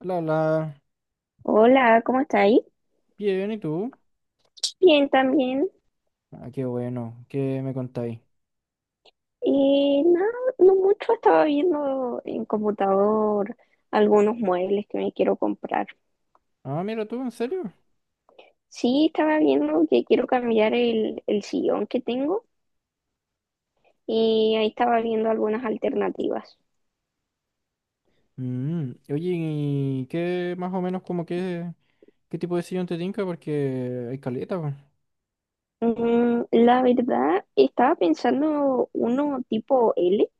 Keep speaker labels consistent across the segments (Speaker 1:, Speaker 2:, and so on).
Speaker 1: La,
Speaker 2: Hola, ¿cómo estáis?
Speaker 1: bien, ¿y tú?
Speaker 2: Bien, también.
Speaker 1: Ah, qué bueno, ¿qué me contáis?
Speaker 2: Nada, no mucho. Estaba viendo en computador algunos muebles que me quiero comprar.
Speaker 1: Ah, mira tú, ¿en serio?
Speaker 2: Sí, estaba viendo que quiero cambiar el sillón que tengo y ahí estaba viendo algunas alternativas.
Speaker 1: Oye, ¿y qué más o menos qué tipo de sillón te tinca? Porque hay caleta, pues.
Speaker 2: La verdad, estaba pensando uno tipo L,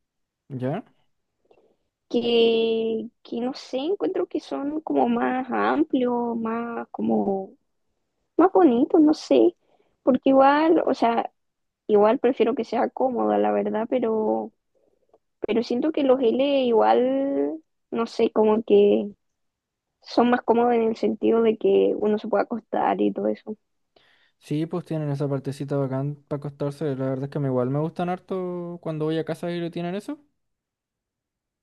Speaker 1: ¿Ya?
Speaker 2: que no sé, encuentro que son como más amplios, más como más bonitos, no sé. Porque igual, o sea, igual prefiero que sea cómoda, la verdad, pero siento que los L igual, no sé, como que son más cómodos en el sentido de que uno se puede acostar y todo eso.
Speaker 1: Sí, pues tienen esa partecita bacán para acostarse, la verdad es que me igual me gustan harto cuando voy a casa y le tienen eso.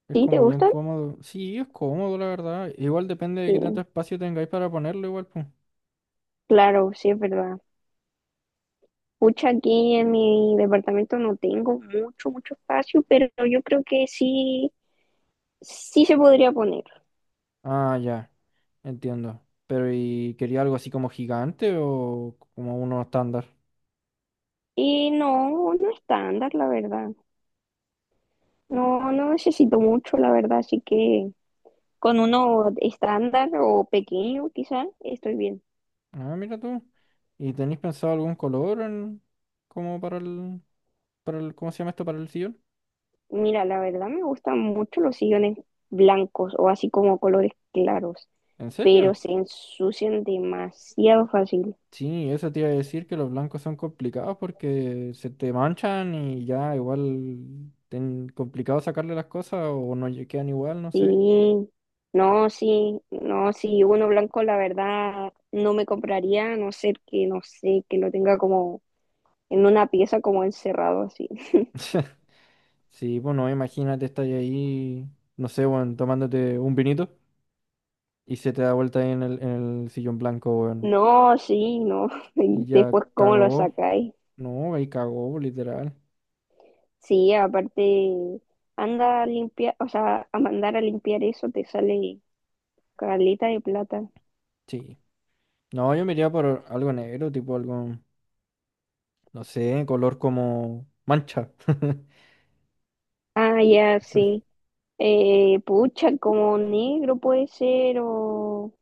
Speaker 1: Es
Speaker 2: ¿Sí? ¿Te
Speaker 1: como bien
Speaker 2: gustan?
Speaker 1: cómodo. Sí, es cómodo, la verdad. Igual depende de qué tanto
Speaker 2: Sí,
Speaker 1: espacio tengáis para ponerlo, igual, pues.
Speaker 2: claro, sí es verdad. Pucha, aquí en mi departamento no tengo mucho, mucho espacio, pero yo creo que sí, sí se podría poner.
Speaker 1: Ah, ya. Entiendo. Pero ¿y quería algo así como gigante o como uno estándar?
Speaker 2: Y no, no estándar, la verdad. No, no necesito mucho, la verdad, así que con uno estándar o pequeño, quizá, estoy bien.
Speaker 1: Ah, mira tú. ¿Y tenéis pensado algún color como para para el, ¿cómo se llama esto? Para el sillón.
Speaker 2: Mira, la verdad me gustan mucho los sillones blancos o así como colores claros,
Speaker 1: ¿En
Speaker 2: pero
Speaker 1: serio?
Speaker 2: se ensucian demasiado fácil.
Speaker 1: Sí, eso te iba a decir que los blancos son complicados porque se te manchan y ya igual ten complicado sacarle las cosas o no quedan igual, no sé.
Speaker 2: Sí, no, sí, no, sí, uno blanco la verdad no me compraría, a no ser que, no sé, que lo tenga como en una pieza como encerrado así.
Speaker 1: Sí, bueno, imagínate, estás ahí, no sé, bueno, tomándote un vinito y se te da vuelta ahí en en el sillón blanco, weón.
Speaker 2: No, sí, no,
Speaker 1: Y
Speaker 2: y
Speaker 1: ya
Speaker 2: después cómo lo
Speaker 1: cagó.
Speaker 2: sacáis.
Speaker 1: No, ahí cagó, literal.
Speaker 2: Sí, aparte, anda a limpiar, o sea, a mandar a limpiar eso te sale caleta de plata.
Speaker 1: Sí. No, yo me iría por algo negro, tipo algo, no sé, color como mancha.
Speaker 2: Ah, ya, sí. Pucha, como negro puede ser o,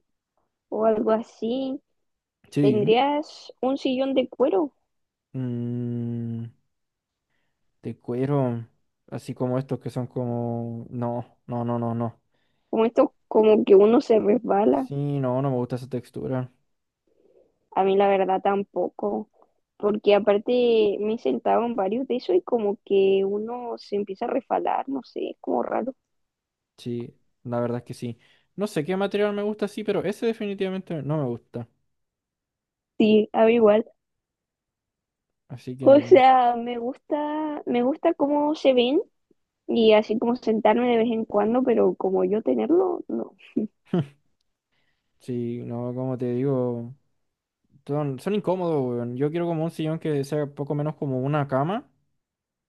Speaker 2: o algo así.
Speaker 1: Sí.
Speaker 2: ¿Tendrías un sillón de cuero?
Speaker 1: Mm, de cuero, así como estos que son como... No, no, no, no, no.
Speaker 2: Como esto, como que uno se resbala.
Speaker 1: Sí, no, no me gusta esa textura.
Speaker 2: A mí la verdad tampoco. Porque aparte me he sentado en varios de eso y como que uno se empieza a resbalar, no sé, es como raro.
Speaker 1: Sí, la verdad es que sí. No sé qué material me gusta, sí, pero ese definitivamente no me gusta.
Speaker 2: Sí, a mí igual.
Speaker 1: Así
Speaker 2: O
Speaker 1: que...
Speaker 2: sea, me gusta cómo se ven y así como sentarme de vez en cuando, pero como yo tenerlo, no.
Speaker 1: Sí, no, como te digo. Son incómodos, weón. Yo quiero como un sillón que sea poco menos como una cama,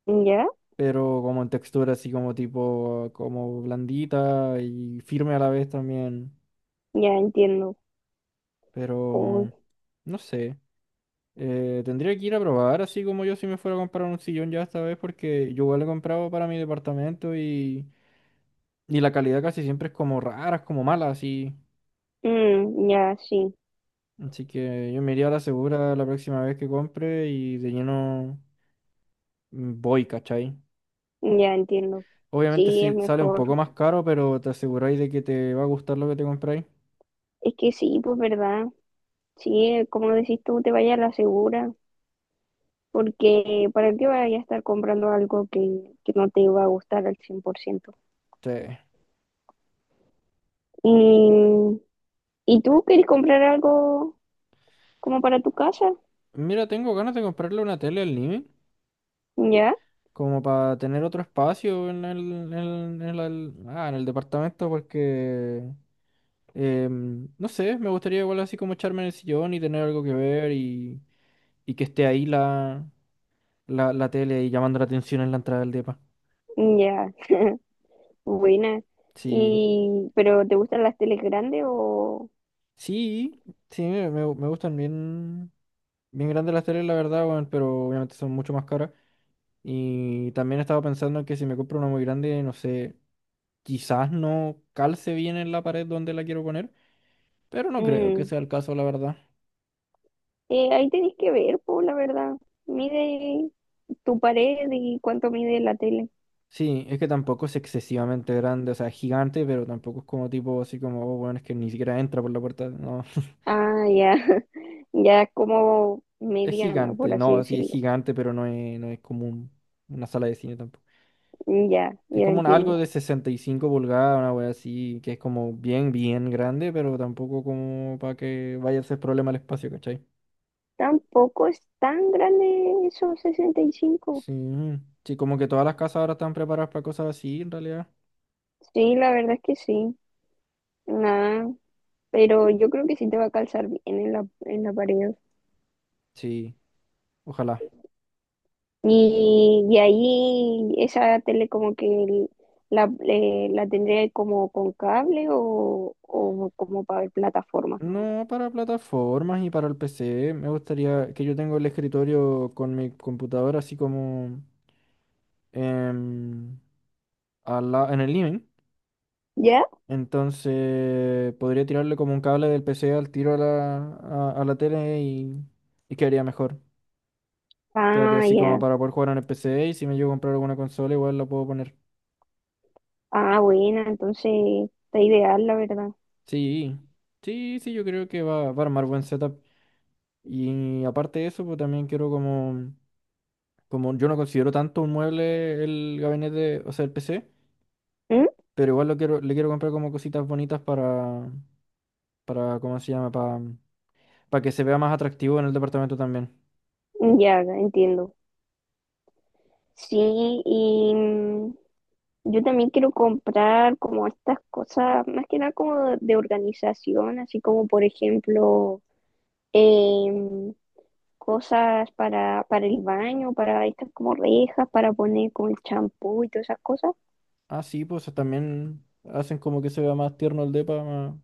Speaker 2: Ya,
Speaker 1: pero como en textura así como tipo, como blandita y firme a la vez también.
Speaker 2: ya entiendo. Uy,
Speaker 1: Pero, no sé. Tendría que ir a probar así como yo si me fuera a comprar un sillón ya esta vez porque yo igual he comprado para mi departamento y la calidad casi siempre es como rara, es como mala así.
Speaker 2: ya sí,
Speaker 1: Así que yo me iría a la segura la próxima vez que compre y de lleno mm, voy, ¿cachai?
Speaker 2: ya entiendo.
Speaker 1: Obviamente
Speaker 2: Sí,
Speaker 1: sí
Speaker 2: es
Speaker 1: sale un
Speaker 2: mejor.
Speaker 1: poco más caro, pero te aseguráis de que te va a gustar lo que te compráis.
Speaker 2: Es que sí, pues verdad. Sí, como decís tú, te vayas a la segura, porque ¿para qué vayas a estar comprando algo que no te va a gustar al 100%?
Speaker 1: Sí.
Speaker 2: ¿Y, ¿y tú querés comprar algo como para tu casa?
Speaker 1: Mira, tengo ganas de comprarle una tele al living,
Speaker 2: ¿Ya?
Speaker 1: como para tener otro espacio en en el departamento, porque, no sé, me gustaría igual así como echarme en el sillón y tener algo que ver y que esté ahí la tele y llamando la atención en la entrada del depa.
Speaker 2: Ya. Buena.
Speaker 1: Sí,
Speaker 2: Y, ¿pero te gustan las teles grandes o?
Speaker 1: sí, sí, me gustan bien, bien grandes las teles, la verdad, weón, pero obviamente son mucho más caras. Y también estaba pensando que si me compro una muy grande, no sé, quizás no calce bien en la pared donde la quiero poner, pero no creo que
Speaker 2: Mm,
Speaker 1: sea el caso, la verdad.
Speaker 2: Ahí tenés que ver, pues la verdad. Mide tu pared y cuánto mide la tele.
Speaker 1: Sí, es que tampoco es excesivamente grande, o sea, es gigante, pero tampoco es como tipo así como, oh, bueno, es que ni siquiera entra por la puerta, no.
Speaker 2: Ah, ya, ya como
Speaker 1: Es
Speaker 2: mediana, por
Speaker 1: gigante,
Speaker 2: así
Speaker 1: no, sí, es
Speaker 2: decirlo.
Speaker 1: gigante, pero no es como una sala de cine tampoco.
Speaker 2: Ya,
Speaker 1: Es
Speaker 2: ya
Speaker 1: como algo
Speaker 2: entiendo.
Speaker 1: de 65 pulgadas, una wea así, que es como bien, bien grande, pero tampoco como para que vaya a ser problema el espacio, ¿cachai?
Speaker 2: Tampoco es tan grande esos 65.
Speaker 1: Sí, sí, como que todas las casas ahora están preparadas para cosas así, en realidad.
Speaker 2: Sí, la verdad es que sí. Nada, pero yo creo que sí te va a calzar bien en la, pared.
Speaker 1: Sí, ojalá.
Speaker 2: Y ahí esa tele como que la tendría como con cable o como para ver plataformas nomás.
Speaker 1: No, para plataformas y para el PC. Me gustaría que yo tengo el escritorio con mi computadora así como em, al en el living.
Speaker 2: ¿Ya?
Speaker 1: Entonces podría tirarle como un cable del PC al tiro a a la tele y quedaría mejor. Quedaría
Speaker 2: Ah,
Speaker 1: así como
Speaker 2: ya.
Speaker 1: para poder jugar en el PC y si me llego a comprar alguna consola igual la puedo poner.
Speaker 2: Ah, buena, entonces está ideal, la verdad.
Speaker 1: Sí, sí, sí, yo creo que va a armar buen setup. Y aparte de eso, pues también quiero como yo no considero tanto un mueble el gabinete, o sea, el PC,
Speaker 2: ¿Mm?
Speaker 1: pero igual lo quiero, le quiero comprar como cositas bonitas para, ¿cómo se llama? Para que se vea más atractivo en el departamento también.
Speaker 2: Ya, entiendo. Sí, y yo también quiero comprar como estas cosas, más que nada como de, organización, así como por ejemplo em, cosas para el baño, para estas como rejas, para poner como el champú y todas esas cosas.
Speaker 1: Ah, sí, pues también hacen como que se vea más tierno el depa, más,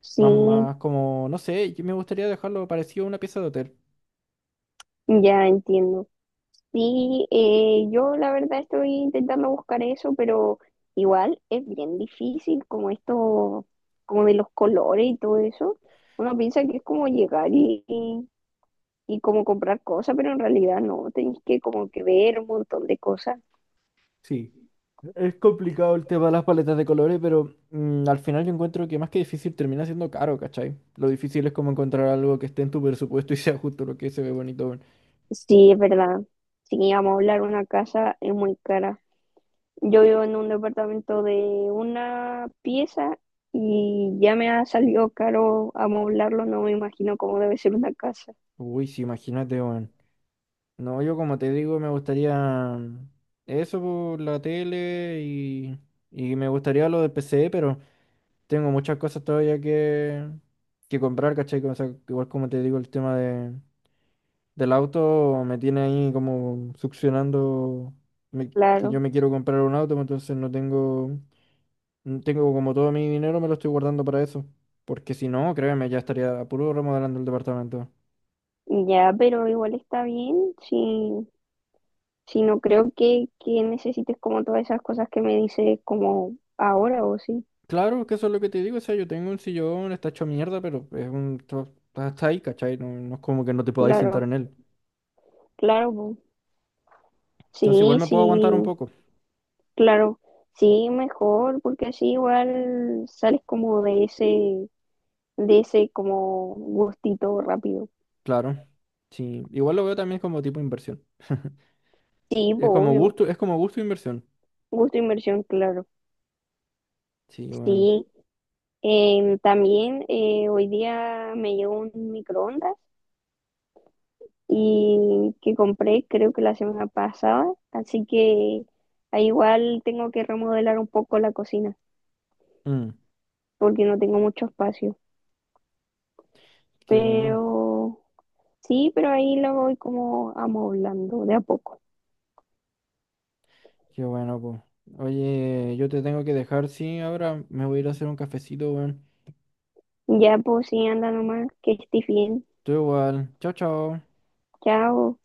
Speaker 2: Sí,
Speaker 1: más, más como, no sé, yo me gustaría dejarlo parecido a una pieza de hotel.
Speaker 2: ya entiendo. Sí, yo la verdad estoy intentando buscar eso, pero igual es bien difícil como esto, como de los colores y todo eso. Uno piensa que es como llegar y como comprar cosas, pero en realidad no, tenés que como que ver un montón de cosas.
Speaker 1: Sí. Es complicado el tema de las paletas de colores, pero al final yo encuentro que más que difícil termina siendo caro, ¿cachai? Lo difícil es como encontrar algo que esté en tu presupuesto y sea justo lo que se ve bonito, weón.
Speaker 2: Sí, es verdad. Sí, vamos a hablar, una casa es muy cara. Yo vivo en un departamento de una pieza y ya me ha salido caro amoblarlo, no me imagino cómo debe ser una casa.
Speaker 1: Uy, sí, imagínate, weón. No, yo como te digo, me gustaría mm, eso por la tele y me gustaría lo del PC, pero tengo muchas cosas todavía que comprar, ¿cachai? O sea, igual como te digo, el tema del auto me tiene ahí como succionando que
Speaker 2: Claro.
Speaker 1: yo me quiero comprar un auto, pues, entonces no tengo, no tengo como todo mi dinero, me lo estoy guardando para eso. Porque si no, créeme, ya estaría a puro remodelando el departamento.
Speaker 2: Ya, pero igual está bien, si no creo que necesites como todas esas cosas que me dices como ahora o sí,
Speaker 1: Claro que eso es lo que te digo, o sea, yo tengo un sillón, está hecho mierda, pero es un, está está ahí, ¿cachai? No, no es como que no te podáis sentar
Speaker 2: claro,
Speaker 1: en él.
Speaker 2: claro, po.
Speaker 1: Entonces igual
Speaker 2: Sí,
Speaker 1: me puedo aguantar un
Speaker 2: sí,
Speaker 1: poco,
Speaker 2: claro, sí, mejor, porque así igual sales como de ese, como gustito rápido.
Speaker 1: claro. Sí, igual lo veo también como tipo inversión.
Speaker 2: Sí, po, obvio,
Speaker 1: Es como gusto e inversión.
Speaker 2: gusto inversión, claro,
Speaker 1: Sí, bueno.
Speaker 2: sí. También hoy día me llegó un microondas y que compré creo que la semana pasada, así que ahí igual tengo que remodelar un poco la cocina
Speaker 1: Mm,
Speaker 2: porque no tengo mucho espacio,
Speaker 1: qué bueno.
Speaker 2: pero sí, pero ahí lo voy como amoblando de a poco.
Speaker 1: Qué bueno, pues. Oye, yo te tengo que dejar, sí, ahora me voy a ir a hacer un cafecito, weón.
Speaker 2: Ya pues sí, anda nomás, que estés bien.
Speaker 1: Tú igual. Chao, chao.
Speaker 2: Chao.